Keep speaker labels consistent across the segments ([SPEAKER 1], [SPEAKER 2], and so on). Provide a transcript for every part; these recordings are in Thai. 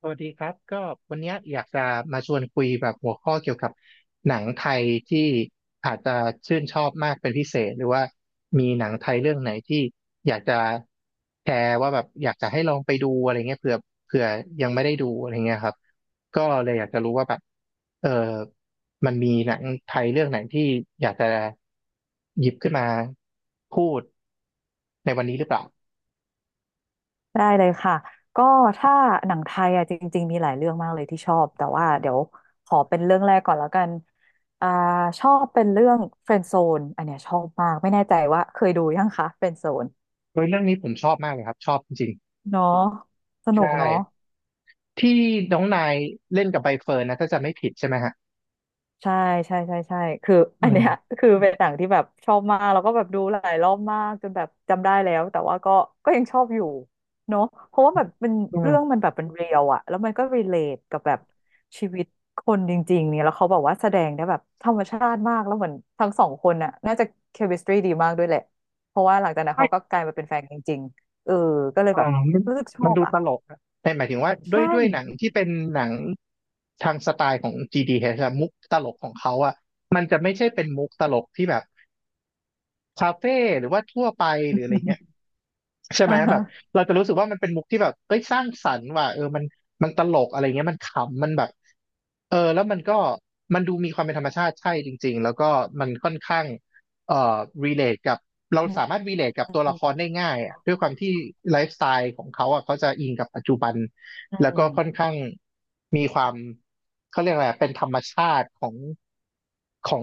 [SPEAKER 1] สวัสดีครับก็วันเนี้ยอยากจะมาชวนคุยแบบหัวข้อเกี่ยวกับหนังไทยที่อาจจะชื่นชอบมากเป็นพิเศษหรือว่ามีหนังไทยเรื่องไหนที่อยากจะแชร์ว่าแบบอยากจะให้ลองไปดูอะไรเงี้ยเผื่อยังไม่ได้ดูอะไรเงี้ยครับก็เลยอยากจะรู้ว่าแบบเออมันมีหนังไทยเรื่องไหนที่อยากจะหยิบขึ้นมาพูดในวันนี้หรือเปล่า
[SPEAKER 2] ได้เลยค่ะก็ถ้าหนังไทยอ่ะจริงๆมีหลายเรื่องมากเลยที่ชอบแต่ว่าเดี๋ยวขอเป็นเรื่องแรกก่อนแล้วกันอ่าชอบเป็นเรื่อง r ฟ e น d z โซนอันเนี้ยชอบมากไม่แน่ใจว่าเคยดูยังคะ r ฟ e น d z โซน
[SPEAKER 1] โดยเรื่องนี้ผมชอบมากเลยครับชอบจริงๆ
[SPEAKER 2] เนาะสนุ
[SPEAKER 1] ใช่
[SPEAKER 2] กเนาะ
[SPEAKER 1] ที่น้องนายเล่นกับใบเฟิร์นนะถ้าจะไม่ผิดใช่ไหมฮะ
[SPEAKER 2] ใช่ใช่ใช่ใช่คือ
[SPEAKER 1] อื
[SPEAKER 2] อัน
[SPEAKER 1] ม
[SPEAKER 2] เนี้ย คือเป็นหนังที่แบบชอบมากแล้วก็แบบดูหลายรอบมากจนแบบจำได้แล้วแต่ว่าก็ยังชอบอยู่เนาะเพราะว่าแบบมัน
[SPEAKER 1] อื
[SPEAKER 2] เรื่องมัน
[SPEAKER 1] ม
[SPEAKER 2] แบบเป็นเรียลอะแล้วมันก็รีเลทกับแบบชีวิตคนจริงๆเนี่ยแล้วเขาแบบว่าแสดงได้แบบธรรมชาติมากแล้วเหมือนทั้งสองคนน่ะน่าจะเคมิสตรีดีมากด้วยแหละเพราะว่าหลังจากนั้นเขาก็
[SPEAKER 1] ใช่
[SPEAKER 2] กลายมาเป็นแฟนกันจริงๆเออก็เลยแบ
[SPEAKER 1] อ่า
[SPEAKER 2] บ
[SPEAKER 1] มัน
[SPEAKER 2] รู้สึกชอ
[SPEAKER 1] มัน
[SPEAKER 2] บ
[SPEAKER 1] ดู
[SPEAKER 2] อะ
[SPEAKER 1] ตลกนะแต่หมายถึงว่าด้ว
[SPEAKER 2] ใช่
[SPEAKER 1] ยด้วยหนังที่เป็นหนังทางสไตล์ของ GDH อชอะมุกตลกของเขาอะมันจะไม่ใช่เป็นมุกตลกที่แบบคาเฟ่หรือว่าทั่วไปหรืออะไรเงี้ย ใช่ไห
[SPEAKER 2] อ่า
[SPEAKER 1] มแบ
[SPEAKER 2] ฮะ
[SPEAKER 1] บเราจะรู้สึกว่ามันเป็นมุกที่แบบเอ้ยสร้างสรรค์ว่ะเออมันตลกอะไรเงี้ยมันขำมันแบบเออแล้วมันก็มันดูมีความเป็นธรรมชาติใช่จริงๆแล้วก็มันค่อนข้างเอ่อรีเลทกับเรา
[SPEAKER 2] อื
[SPEAKER 1] สามาร
[SPEAKER 2] ม
[SPEAKER 1] ถรีเลทกับตัวละครได้ง่ายอะด้วยความที่ไลฟ์สไตล์ของเขาอ่ะเขาจะอิงกับปัจจุบัน
[SPEAKER 2] อื
[SPEAKER 1] แล้วก็ค่อน
[SPEAKER 2] ม
[SPEAKER 1] ข้างมีความเขาเรียกอะไรอะเป็นธรรมชาติของของ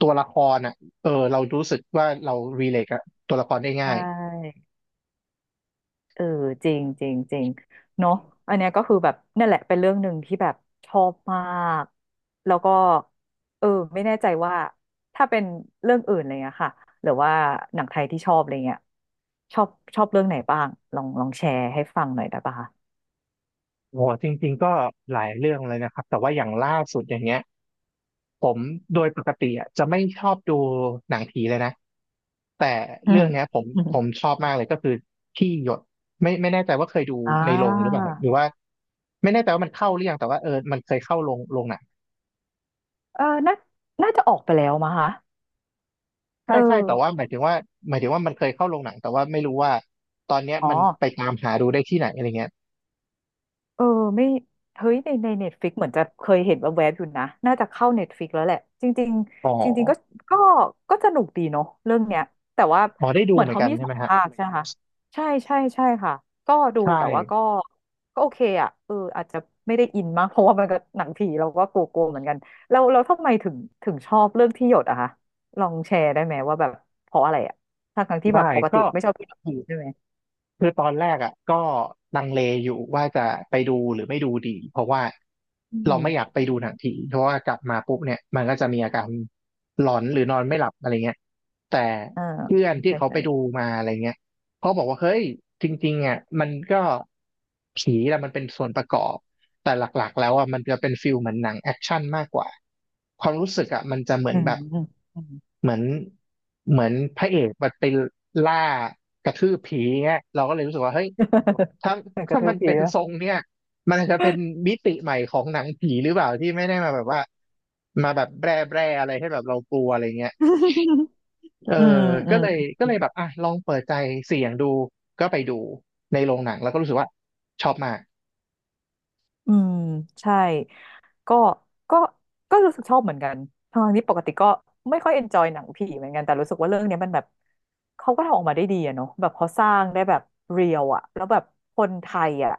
[SPEAKER 1] ตัวละครอ่ะเออเรารู้สึกว่าเรารีเลทกับตัวละครได้
[SPEAKER 2] ใช่
[SPEAKER 1] ง่าย
[SPEAKER 2] เออจริงจริงจริงเนาะอันเนี้ยก็คือแบบนั่นแหละเป็นเรื่องหนึ่งที่แบบชอบมากแล้วก็เออไม่แน่ใจว่าถ้าเป็นเรื่องอื่นอะไรเงี้ยค่ะหรือว่าหนังไทยที่ชอบอะไรเงี้ยชอบชอบเรื่องไหนบ้างลองแชร์ให้ฟังหน่อยได้ปะคะ
[SPEAKER 1] โอ้จริงๆก็หลายเรื่องเลยนะครับแต่ว่าอย่างล่าสุดอย่างเงี้ยผมโดยปกติอ่ะจะไม่ชอบดูหนังผีเลยนะแต่
[SPEAKER 2] อื
[SPEAKER 1] เรื่
[SPEAKER 2] ม
[SPEAKER 1] องเนี้ยผม
[SPEAKER 2] อืม
[SPEAKER 1] ผมชอบมากเลยก็คือที่หยดไม่แน่ใจว่าเคยดู
[SPEAKER 2] อ่
[SPEAKER 1] ในโรงหรือเป
[SPEAKER 2] า
[SPEAKER 1] ล่าครับหรือว่าไม่แน่ใจว่ามันเข้าหรือยังแต่ว่าเออมันเคยเข้าโรงโรงหนัง
[SPEAKER 2] เออน่าน่าจะออกไปแล้วมั้งคะ
[SPEAKER 1] ใช่
[SPEAKER 2] เอ
[SPEAKER 1] ใช่แต่ว่า
[SPEAKER 2] อ
[SPEAKER 1] หมายถึงว่าหมายถึงว่ามันเคยเข้าโรงหนังแต่ว่าไม่รู้ว่าตอนเนี้ย
[SPEAKER 2] อ๋อ
[SPEAKER 1] มันไปตามหาดูได้ที่ไหนอะไรเงี้ย
[SPEAKER 2] เออไม่เฮ้ยในในเน็ตฟิกเหมือนจะเคยเห็นแวบๆอยู่นะน่าจะเข้าเน็ตฟิกแล้วแหละจริง
[SPEAKER 1] อ๋อ
[SPEAKER 2] ๆจริงๆก็ก็สนุกดีเนาะเรื่องเนี้ยแต่ว่า
[SPEAKER 1] อ๋อได้ดู
[SPEAKER 2] เหมือ
[SPEAKER 1] เห
[SPEAKER 2] น
[SPEAKER 1] มือน
[SPEAKER 2] เขา
[SPEAKER 1] กัน
[SPEAKER 2] มี
[SPEAKER 1] ใช่
[SPEAKER 2] ส
[SPEAKER 1] ไห
[SPEAKER 2] อ
[SPEAKER 1] ม
[SPEAKER 2] ง
[SPEAKER 1] ฮะ
[SPEAKER 2] ภาคใช่ไหมคะใช่ค่ะก็ดู
[SPEAKER 1] ใช่
[SPEAKER 2] แต่ว่าก็ก็โอเคอ่ะเอออาจจะไม่ได้อินมาก เพราะว่ามันก็หนังผีเราก็กลัวๆเหมือนกันแล้วทำไมถึงชอบเรื่องที่หยดอะคะลองแชร์ได้ไหมว่าแบบเพราะอะไรอะทั้งๆที่แบบ
[SPEAKER 1] ได้
[SPEAKER 2] ปกติ
[SPEAKER 1] ก็
[SPEAKER 2] ไม่ชอบดูหนังผีใช่ไหม
[SPEAKER 1] คือตอนแรกอ่ะก็ลังเลอยู่ว่าจะไปดูหรือไม่ดูดีเพราะว่า
[SPEAKER 2] อื
[SPEAKER 1] เราไม่
[SPEAKER 2] ม
[SPEAKER 1] อยากไปดูหนังผีเพราะว่ากลับมาปุ๊บเนี่ยมันก็จะมีอาการหลอนหรือนอนไม่หลับอะไรเงี้ยแต่
[SPEAKER 2] อ่า
[SPEAKER 1] เพื่อนที่
[SPEAKER 2] ใช่
[SPEAKER 1] เขาไป
[SPEAKER 2] ใช่
[SPEAKER 1] ดูมาอะไรเงี้ยเขาบอกว่าเฮ้ยจริงๆอ่ะมันก็ผีแหละมันเป็นส่วนประกอบแต่หลักๆแล้วอ่ะมันจะเป็นฟิลเหมือนหนังแอคชั่นมากกว่าความรู้สึกอ่ะมันจะเหมื
[SPEAKER 2] อื
[SPEAKER 1] อน
[SPEAKER 2] ม
[SPEAKER 1] แบบ
[SPEAKER 2] อืม
[SPEAKER 1] เหมือนเหมือนพระเอกมันไปล่ากระทืบผีเงี้ยเราก็เลยรู้สึกว่าเฮ้ยถ้า
[SPEAKER 2] กระ
[SPEAKER 1] ถ้า
[SPEAKER 2] ทื
[SPEAKER 1] มั
[SPEAKER 2] บ
[SPEAKER 1] น
[SPEAKER 2] ผี
[SPEAKER 1] เป็น
[SPEAKER 2] แล้ว
[SPEAKER 1] ทรงเนี่ยมันอาจจะเป็นมิติใหม่ของหนังผีหรือเปล่าที่ไม่ได้มาแบบว่ามาแบบแบร่แบร่อะไรให้แบบเรากลัวอะไรเงี้ย เออ
[SPEAKER 2] อืมอื
[SPEAKER 1] ก็เลย
[SPEAKER 2] ม
[SPEAKER 1] ก็เลยแบบอ่ะลองเปิดใจเสี่ยงดูก็ไปดูในโรงหนังแล้วก็รู้สึกว่าชอบมาก
[SPEAKER 2] อืมใช่ ก็ก็ก็รู้สึกชอบเหมือนกันทั้งนที่ปกติก็ไม่ค่อยเอนจอยหนังผีเหมือนกันแต่รู้สึกว่าเรื่องเนี้ยมันแบบเขาก็ทำออกมาได้ดีอะเนาะแบบเขาสร้างได้แบบเรียลอะแล้วแบบคนไทยอะ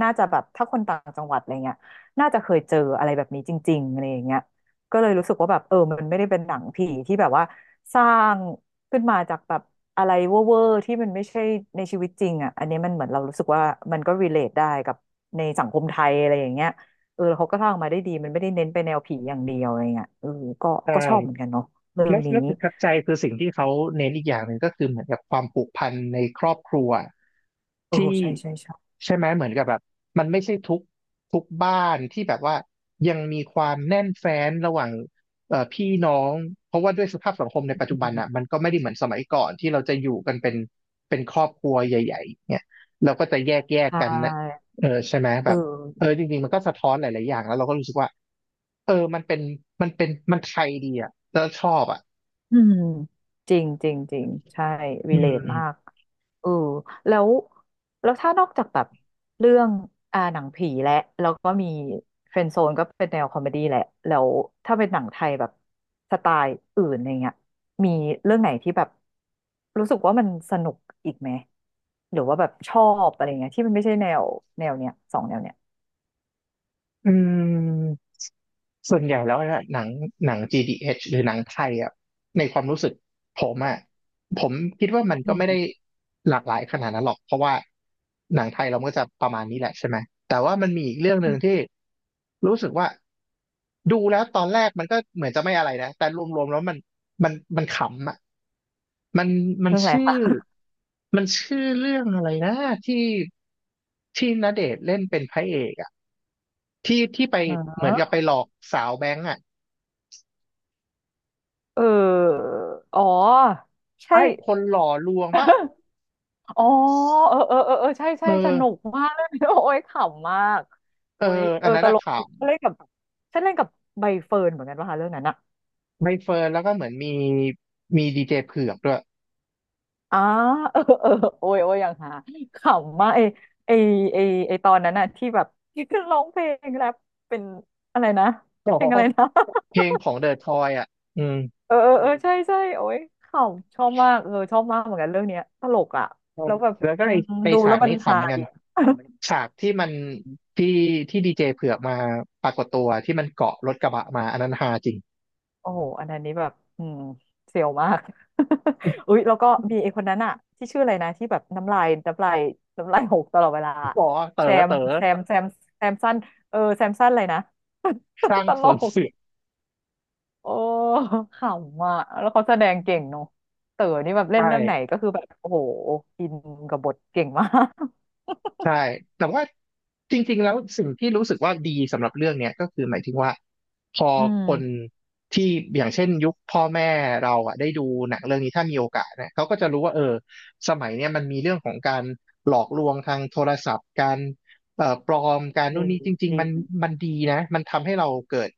[SPEAKER 2] น่าจะแบบถ้าคนต่างจังหวัดอะไรเงี้ยน่าจะเคยเจออะไรแบบนี้จริงๆอะไรอย่างเงี้ยก็เลยรู้สึกว่าแบบเออมันไม่ได้เป็นหนังผีที่แบบว่าสร้างขึ้นมาจากแบบอะไรเวอร์ๆที่มันไม่ใช่ในชีวิตจริงอ่ะอันนี้มันเหมือนเรารู้สึกว่ามันก็ relate ได้กับในสังคมไทยอะไรอย่างเงี้ย เออแล้วเขาก็สร้างมาได้ดีมันไม่ได้เน้นไปแนวผีอย่างเดียวอะไรเงี้ยเออก็
[SPEAKER 1] ใช่
[SPEAKER 2] ก็ชอบเหมือนกันเนาะเรื่อง
[SPEAKER 1] และ
[SPEAKER 2] นี้
[SPEAKER 1] และประทับใจคือสิ่งที่เขาเน้นอีกอย่างหนึ่งก็คือเหมือนกับความผูกพันในครอบครัว
[SPEAKER 2] เออ
[SPEAKER 1] ที่
[SPEAKER 2] ใช่
[SPEAKER 1] ใช่ไหมเหมือนกับแบบมันไม่ใช่ทุกบ้านที่แบบว่ายังมีความแน่นแฟ้นระหว่างพี่น้องเพราะว่าด้วยสภาพสังคมในปัจจุ
[SPEAKER 2] อื
[SPEAKER 1] บัน
[SPEAKER 2] ม
[SPEAKER 1] อ่ะมันก็ไม่ได้เหมือนสมัยก่อนที่เราจะอยู่กันเป็นเป็นครอบครัวใหญ่ๆเนี่ยเราก็จะแยก
[SPEAKER 2] ใช
[SPEAKER 1] กันนะ
[SPEAKER 2] ่
[SPEAKER 1] เออใช่ไหม
[SPEAKER 2] เอ
[SPEAKER 1] แบบเอ
[SPEAKER 2] อ
[SPEAKER 1] อจริงๆมันก็สะท้อนหลายๆอย่างแล้วเราก็รู้สึกว่าเออมันเป็นมันเป็นมันไทยดีอ่ะแล้วชอบอ่ะ
[SPEAKER 2] อืมจริงจริงจริงใช่รี
[SPEAKER 1] อื
[SPEAKER 2] เลทมาก
[SPEAKER 1] ม
[SPEAKER 2] เออแล้วแล้วถ้านอกจากแบบเรื่องหนังผีและแล้วก็มีเฟรนด์โซนก็เป็นแนวคอมเมดี้แหละแล้วถ้าเป็นหนังไทยแบบสไตล์อื่นอะไรเงี้ยมีเรื่องไหนที่แบบรู้สึกว่ามันสนุกอีกไหมหรือว่าแบบชอบอะไรเงี้ยที่มันไม่ใช่แนวเนี้ยสองแนวเนี้ย
[SPEAKER 1] อืมส่วนใหญ่แล้วเนี่ยหนังหนัง GDH หรือหนังไทยอ่ะในความรู้สึกผมอ่ะผมคิดว่ามัน
[SPEAKER 2] อื
[SPEAKER 1] ก็ไม่ได้
[SPEAKER 2] ม
[SPEAKER 1] หลากหลายขนาดนั้นหรอกเพราะว่าหนังไทยเราก็จะประมาณนี้แหละใช่ไหมแต่ว่ามันมีอีกเรื่องหนึ่งที่รู้สึกว่าดูแล้วตอนแรกมันก็เหมือนจะไม่อะไรนะแต่รวมๆแล้วมันมันขำอ่ะ มันมัน
[SPEAKER 2] เรื่องอะไร
[SPEAKER 1] ชื่อ
[SPEAKER 2] คะ
[SPEAKER 1] มันชื่อเรื่องอะไรนะที่ที่ณเดชน์เล่นเป็นพระเอกอ่ะที่ที่ไปเหมื
[SPEAKER 2] เอ
[SPEAKER 1] อ
[SPEAKER 2] อ
[SPEAKER 1] นกับไปหลอกสาวแบงก์อ่ะ
[SPEAKER 2] เอออ๋อใช่
[SPEAKER 1] ไอ้คนหล่อลวงป่ะ
[SPEAKER 2] อ๋อเออใช่
[SPEAKER 1] เอ
[SPEAKER 2] สนุก
[SPEAKER 1] อ
[SPEAKER 2] มากเลย โอ้ยขำมาก
[SPEAKER 1] เออ
[SPEAKER 2] โอ้ยเอ
[SPEAKER 1] อั
[SPEAKER 2] อ
[SPEAKER 1] นนั้
[SPEAKER 2] ต
[SPEAKER 1] นอะ
[SPEAKER 2] ลก
[SPEAKER 1] ข่าว
[SPEAKER 2] ฉันเล่นกับฉันเล่นกับใบเฟิร์นเหมือนกันป่ะคะเรื่องนั้นอะ
[SPEAKER 1] ใบเฟิร์นแล้วก็เหมือนมีมีดีเจเผือกด้วย
[SPEAKER 2] อ่าเออเออโอ้ยโอ้ยอย่างหาขำมากไอไอไอตอนนั้นอะที่แบบที่ขึ้นร้องเพลงแรปเป็นอะไรนะ
[SPEAKER 1] อ๋อ
[SPEAKER 2] เพลงอะไรนะ
[SPEAKER 1] เพลงของเดอะทอยอ่ะอืม
[SPEAKER 2] เออใช่โอ้ยขำชอบมากเออชอบมากเหมือนกันเรื่องเนี้ยตลกอะแล้วแบบ
[SPEAKER 1] แล้วก็
[SPEAKER 2] อื
[SPEAKER 1] ไอ
[SPEAKER 2] ม
[SPEAKER 1] ไอ
[SPEAKER 2] ดู
[SPEAKER 1] ฉา
[SPEAKER 2] แล้ว
[SPEAKER 1] ก
[SPEAKER 2] มัน
[SPEAKER 1] นี้ขำ
[SPEAKER 2] ฮา
[SPEAKER 1] เหมือนกัน
[SPEAKER 2] ดี
[SPEAKER 1] ฉากที่มันที่ที่ดีเจเผือกมาปรากฏตัวที่มันเกาะรถกระบะมาอันนั้นฮาจริง
[SPEAKER 2] โอ้โหอันนั้นนี้แบบอืมเสียวมาก อุ๊ยแล้วก็มีไอ้คนนั้นอะที่ชื่ออะไรนะที่แบบน้ำลายหกตลอดเวลา
[SPEAKER 1] บอกว่าเต๋อ
[SPEAKER 2] แซม
[SPEAKER 1] เต๋อ
[SPEAKER 2] แซมแซมแซมสั้นเออแซมสั้นอะไรนะ
[SPEAKER 1] สร้าง
[SPEAKER 2] ต
[SPEAKER 1] ส
[SPEAKER 2] ล
[SPEAKER 1] วน
[SPEAKER 2] ก
[SPEAKER 1] เสือ
[SPEAKER 2] โอ้ขำอ่ะแล้วเขาแสดงเก่งเนาะเต๋อนี่แบบเล่
[SPEAKER 1] ใช่
[SPEAKER 2] นเรื่องไหนก็คือแบบโอ้โหอินกับบทเก่งมาก
[SPEAKER 1] ใช่แต่ว่าจริงๆแล้วสิ่งที่รู้สึกว่าดีสำหรับเรื่องเนี้ยก็คือหมายถึงว่าพอ
[SPEAKER 2] อื
[SPEAKER 1] คน
[SPEAKER 2] ม
[SPEAKER 1] ที่อย่างเช่นยุคพ่อแม่เราอ่ะได้ดูหนังเรื่องนี้ถ้ามีโอกาสนะเขาก็จะรู้ว่าเออสมัยเนี้ยมันมีเรื่องของการหลอกลวงทางโทรศัพท์การปลอมการ
[SPEAKER 2] เอ
[SPEAKER 1] นู่น
[SPEAKER 2] อ
[SPEAKER 1] นี่จริ
[SPEAKER 2] จ
[SPEAKER 1] งๆ
[SPEAKER 2] ริ
[SPEAKER 1] มัน
[SPEAKER 2] ง
[SPEAKER 1] มันดีนะมันทำให้เราเกิด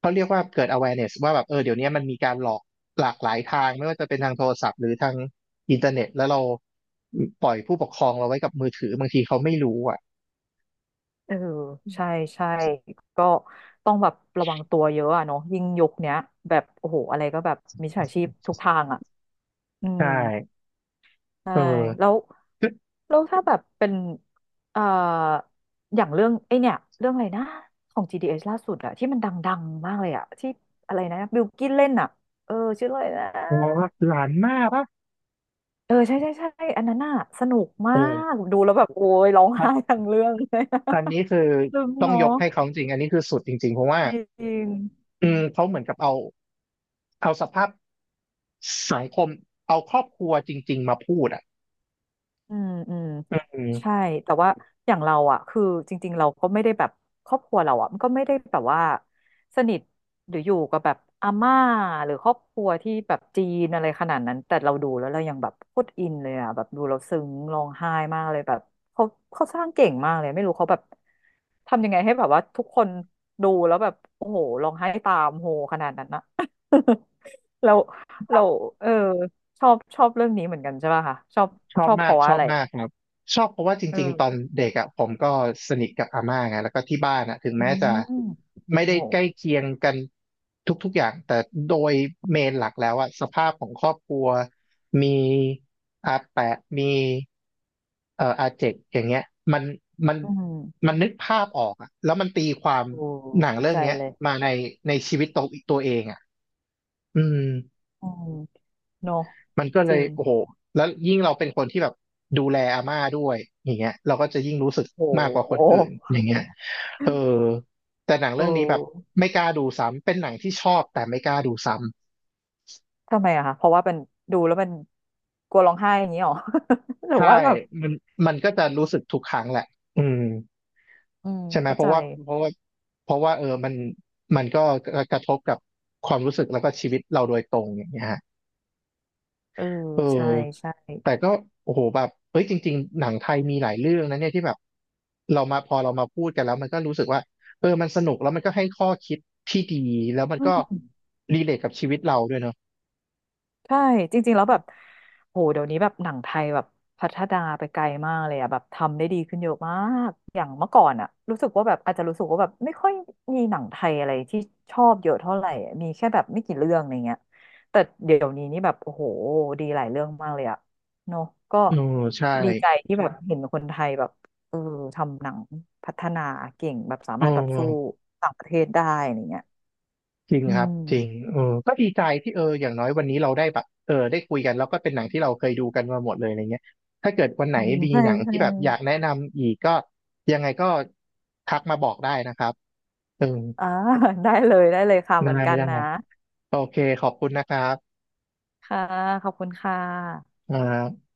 [SPEAKER 1] เขาเรียกว่าเกิด awareness ว่าแบบเออเดี๋ยวนี้มันมีการหลอกหลากหลายทางไม่ว่าจะเป็นทางโทรศัพท์หรือทาง อินเทอร์เน็ตแล้วเราปล่อยผู้ปกครองเราไว้กับมือถือบางทีเขาไม่รู้อ่ะ
[SPEAKER 2] เออใช่ใช่ก็ต้องแบบระวังตัวเยอะอะเนาะยิ่งยุคเนี้ยแบบโอ้โหอะไรก็แบบมิจฉาชีพทุกทางอ่ะอื
[SPEAKER 1] ใช
[SPEAKER 2] ม
[SPEAKER 1] ่
[SPEAKER 2] ใช่
[SPEAKER 1] เออ
[SPEAKER 2] แล้วแล้วถ้าแบบเป็นเอ่ออย่างเรื่องไอเนี่ยเรื่องอะไรนะของ GDS ล่าสุดอะที่มันดังๆมากเลยอะที่อะไรนะบิลกิ้นเล่นอะเออชื่ออะไรนะ
[SPEAKER 1] เราหลานมากปะ
[SPEAKER 2] เออใช่อันนั้นน่ะสนุกมา
[SPEAKER 1] โอ้
[SPEAKER 2] กดูแล้วแบบโอ้ยร้อง
[SPEAKER 1] อั
[SPEAKER 2] ไห้
[SPEAKER 1] น
[SPEAKER 2] ทั้งเรื่องเลย
[SPEAKER 1] นี้คือ
[SPEAKER 2] ซึมง
[SPEAKER 1] ต้อง
[SPEAKER 2] เนาะ
[SPEAKER 1] ยกให้เขาจริงอันนี้คือสุดจริงๆเพราะว่า
[SPEAKER 2] จริง
[SPEAKER 1] อืมเขาเหมือนกับเอาสภาพสังคมเอาครอบครัวจริงๆมาพูดอ่ะ
[SPEAKER 2] อืมอืม
[SPEAKER 1] อื
[SPEAKER 2] ใช่
[SPEAKER 1] ม
[SPEAKER 2] แต่ว่าอย่างเราอ่ะคือจริงๆเราก็ไม่ได้แบบครอบครัวเราอ่ะมันก็ไม่ได้แบบว่าสนิทหรืออยู่กับแบบอาม่าหรือครอบครัวที่แบบจีนอะไรขนาดนั้นแต่เราดูแล้วเรายังแบบโคตรอินเลยอ่ะแบบดูเราซึ้งร้องไห้มากเลยแบบเขาเขาสร้างเก่งมากเลยไม่รู้เขาแบบทำยังไงให้แบบว่าทุกคนดูแล้วแบบโอ้โหร้องไห้ตามโหขนาดนั้นนะ เราเราเออ ชอบเรื่องนี้เหมือนกันใช่ป่ะคะชอบ
[SPEAKER 1] ชอ
[SPEAKER 2] ช
[SPEAKER 1] บ
[SPEAKER 2] อบเพ
[SPEAKER 1] มาก
[SPEAKER 2] ราะ
[SPEAKER 1] ช
[SPEAKER 2] ว่า
[SPEAKER 1] อ
[SPEAKER 2] อะ
[SPEAKER 1] บ
[SPEAKER 2] ไร
[SPEAKER 1] มากครับชอบเพราะว่าจริงๆตอน
[SPEAKER 2] เออ
[SPEAKER 1] เด็กอ่ะผมก็สนิทกับอาม่าไงแล้วก็ที่บ้านอ่ะถึง
[SPEAKER 2] อื
[SPEAKER 1] แม้จะ
[SPEAKER 2] ม
[SPEAKER 1] ไม่
[SPEAKER 2] โอ้
[SPEAKER 1] ได้
[SPEAKER 2] โห
[SPEAKER 1] ใกล้เคียงกันทุกๆอย่างแต่โดยเมนหลักแล้วอ่ะสภาพของครอบครัวมีอาแปะมีอาเจกอย่างเงี้ยมันมัน
[SPEAKER 2] อืม
[SPEAKER 1] มันนึกภาพออกอ่ะแล้วมันตีความ
[SPEAKER 2] โอ้
[SPEAKER 1] หนัง
[SPEAKER 2] เข้า
[SPEAKER 1] เรื่อง
[SPEAKER 2] ใจ
[SPEAKER 1] เนี้ย
[SPEAKER 2] เลย
[SPEAKER 1] มาในในชีวิตตัวเองอ่ะอืม
[SPEAKER 2] อืมเนอะ
[SPEAKER 1] มันก็
[SPEAKER 2] จ
[SPEAKER 1] เล
[SPEAKER 2] ริ
[SPEAKER 1] ย
[SPEAKER 2] ง
[SPEAKER 1] โอ้โหแล้วยิ่งเราเป็นคนที่แบบดูแลอาม่าด้วยอย่างเงี้ยเราก็จะยิ่งรู้สึก
[SPEAKER 2] โอ้
[SPEAKER 1] มากกว่า
[SPEAKER 2] โห
[SPEAKER 1] คนอื่นอย่างเงี้ยเออแต่หนัง
[SPEAKER 2] เอ
[SPEAKER 1] เรื่องนี้แบบ
[SPEAKER 2] อ
[SPEAKER 1] ไม่กล้าดูซ้ำเป็นหนังที่ชอบแต่ไม่กล้าดูซ้ำ
[SPEAKER 2] ทำไมอะคะเพราะว่าเป็นดูแล้วมันกลัวร้องไห้อย่างนี้หรอ หรือว่า
[SPEAKER 1] ใช่
[SPEAKER 2] แบบ
[SPEAKER 1] มันมันก็จะรู้สึกทุกครั้งแหละอืม
[SPEAKER 2] อืม
[SPEAKER 1] ใช่ไหม
[SPEAKER 2] เข้า
[SPEAKER 1] เพ
[SPEAKER 2] ใจ
[SPEAKER 1] ราะว่าเพราะว่าเออมันก็กระทบกับความรู้สึกแล้วก็ชีวิตเราโดยตรงอย่างเงี้ย
[SPEAKER 2] เออ
[SPEAKER 1] เออ
[SPEAKER 2] ใช่ใช่
[SPEAKER 1] แต่ก็โอ้โหแบบเฮ้ยจริงๆหนังไทยมีหลายเรื่องนะเนี่ยที่แบบเรามาพอเรามาพูดกันแล้วมันก็รู้สึกว่าเออมันสนุกแล้วมันก็ให้ข้อคิดที่ดีแล้วมันก็รีเลทกับชีวิตเราด้วยเนาะ
[SPEAKER 2] ใช่จริงๆแล้วแบบโหเดี๋ยวนี้แบบหนังไทยแบบพัฒนาไปไกลมากเลยอะแบบทำได้ดีขึ้นเยอะมากอย่างเมื่อก่อนอะรู้สึกว่าแบบอาจจะรู้สึกว่าแบบไม่ค่อยมีหนังไทยอะไรที่ชอบเยอะเท่าไหร่อะมีแค่แบบไม่กี่เรื่องอะไรเงี้ยแต่เดี๋ยวนี้นี่แบบโอ้โหดีหลายเรื่องมากเลยอะเนอะก็
[SPEAKER 1] เออใช่
[SPEAKER 2] ดีใจที่แบบบเห็นคนไทยแบบเออทำหนังพัฒนาเก่งแบบสา
[SPEAKER 1] เอ
[SPEAKER 2] มารถแบบสู้
[SPEAKER 1] อ
[SPEAKER 2] ต่างประเทศได้อะไรเงี้ย
[SPEAKER 1] จริง
[SPEAKER 2] อื
[SPEAKER 1] ครับจริง
[SPEAKER 2] ม
[SPEAKER 1] เออก็ดีใจที่เอออย่างน้อยวันนี้เราได้แบบเออได้คุยกันแล้วก็เป็นหนังที่เราเคยดูกันมาหมดเลยอะไรเงี้ยถ้าเกิดวันไหน
[SPEAKER 2] อืม
[SPEAKER 1] มี
[SPEAKER 2] ใช่
[SPEAKER 1] หนัง
[SPEAKER 2] ใช่
[SPEAKER 1] ที่แบบอยากแนะนำอีกก็ยังไงก็ทักมาบอกได้นะครับเออ
[SPEAKER 2] อ่า ได้เลยได้เลยค่ะเห
[SPEAKER 1] ได้
[SPEAKER 2] มือนกัน
[SPEAKER 1] ได้
[SPEAKER 2] นะ
[SPEAKER 1] โอเคขอบคุณนะครับ
[SPEAKER 2] ค่ะขอบคุณค่ะ
[SPEAKER 1] อ่า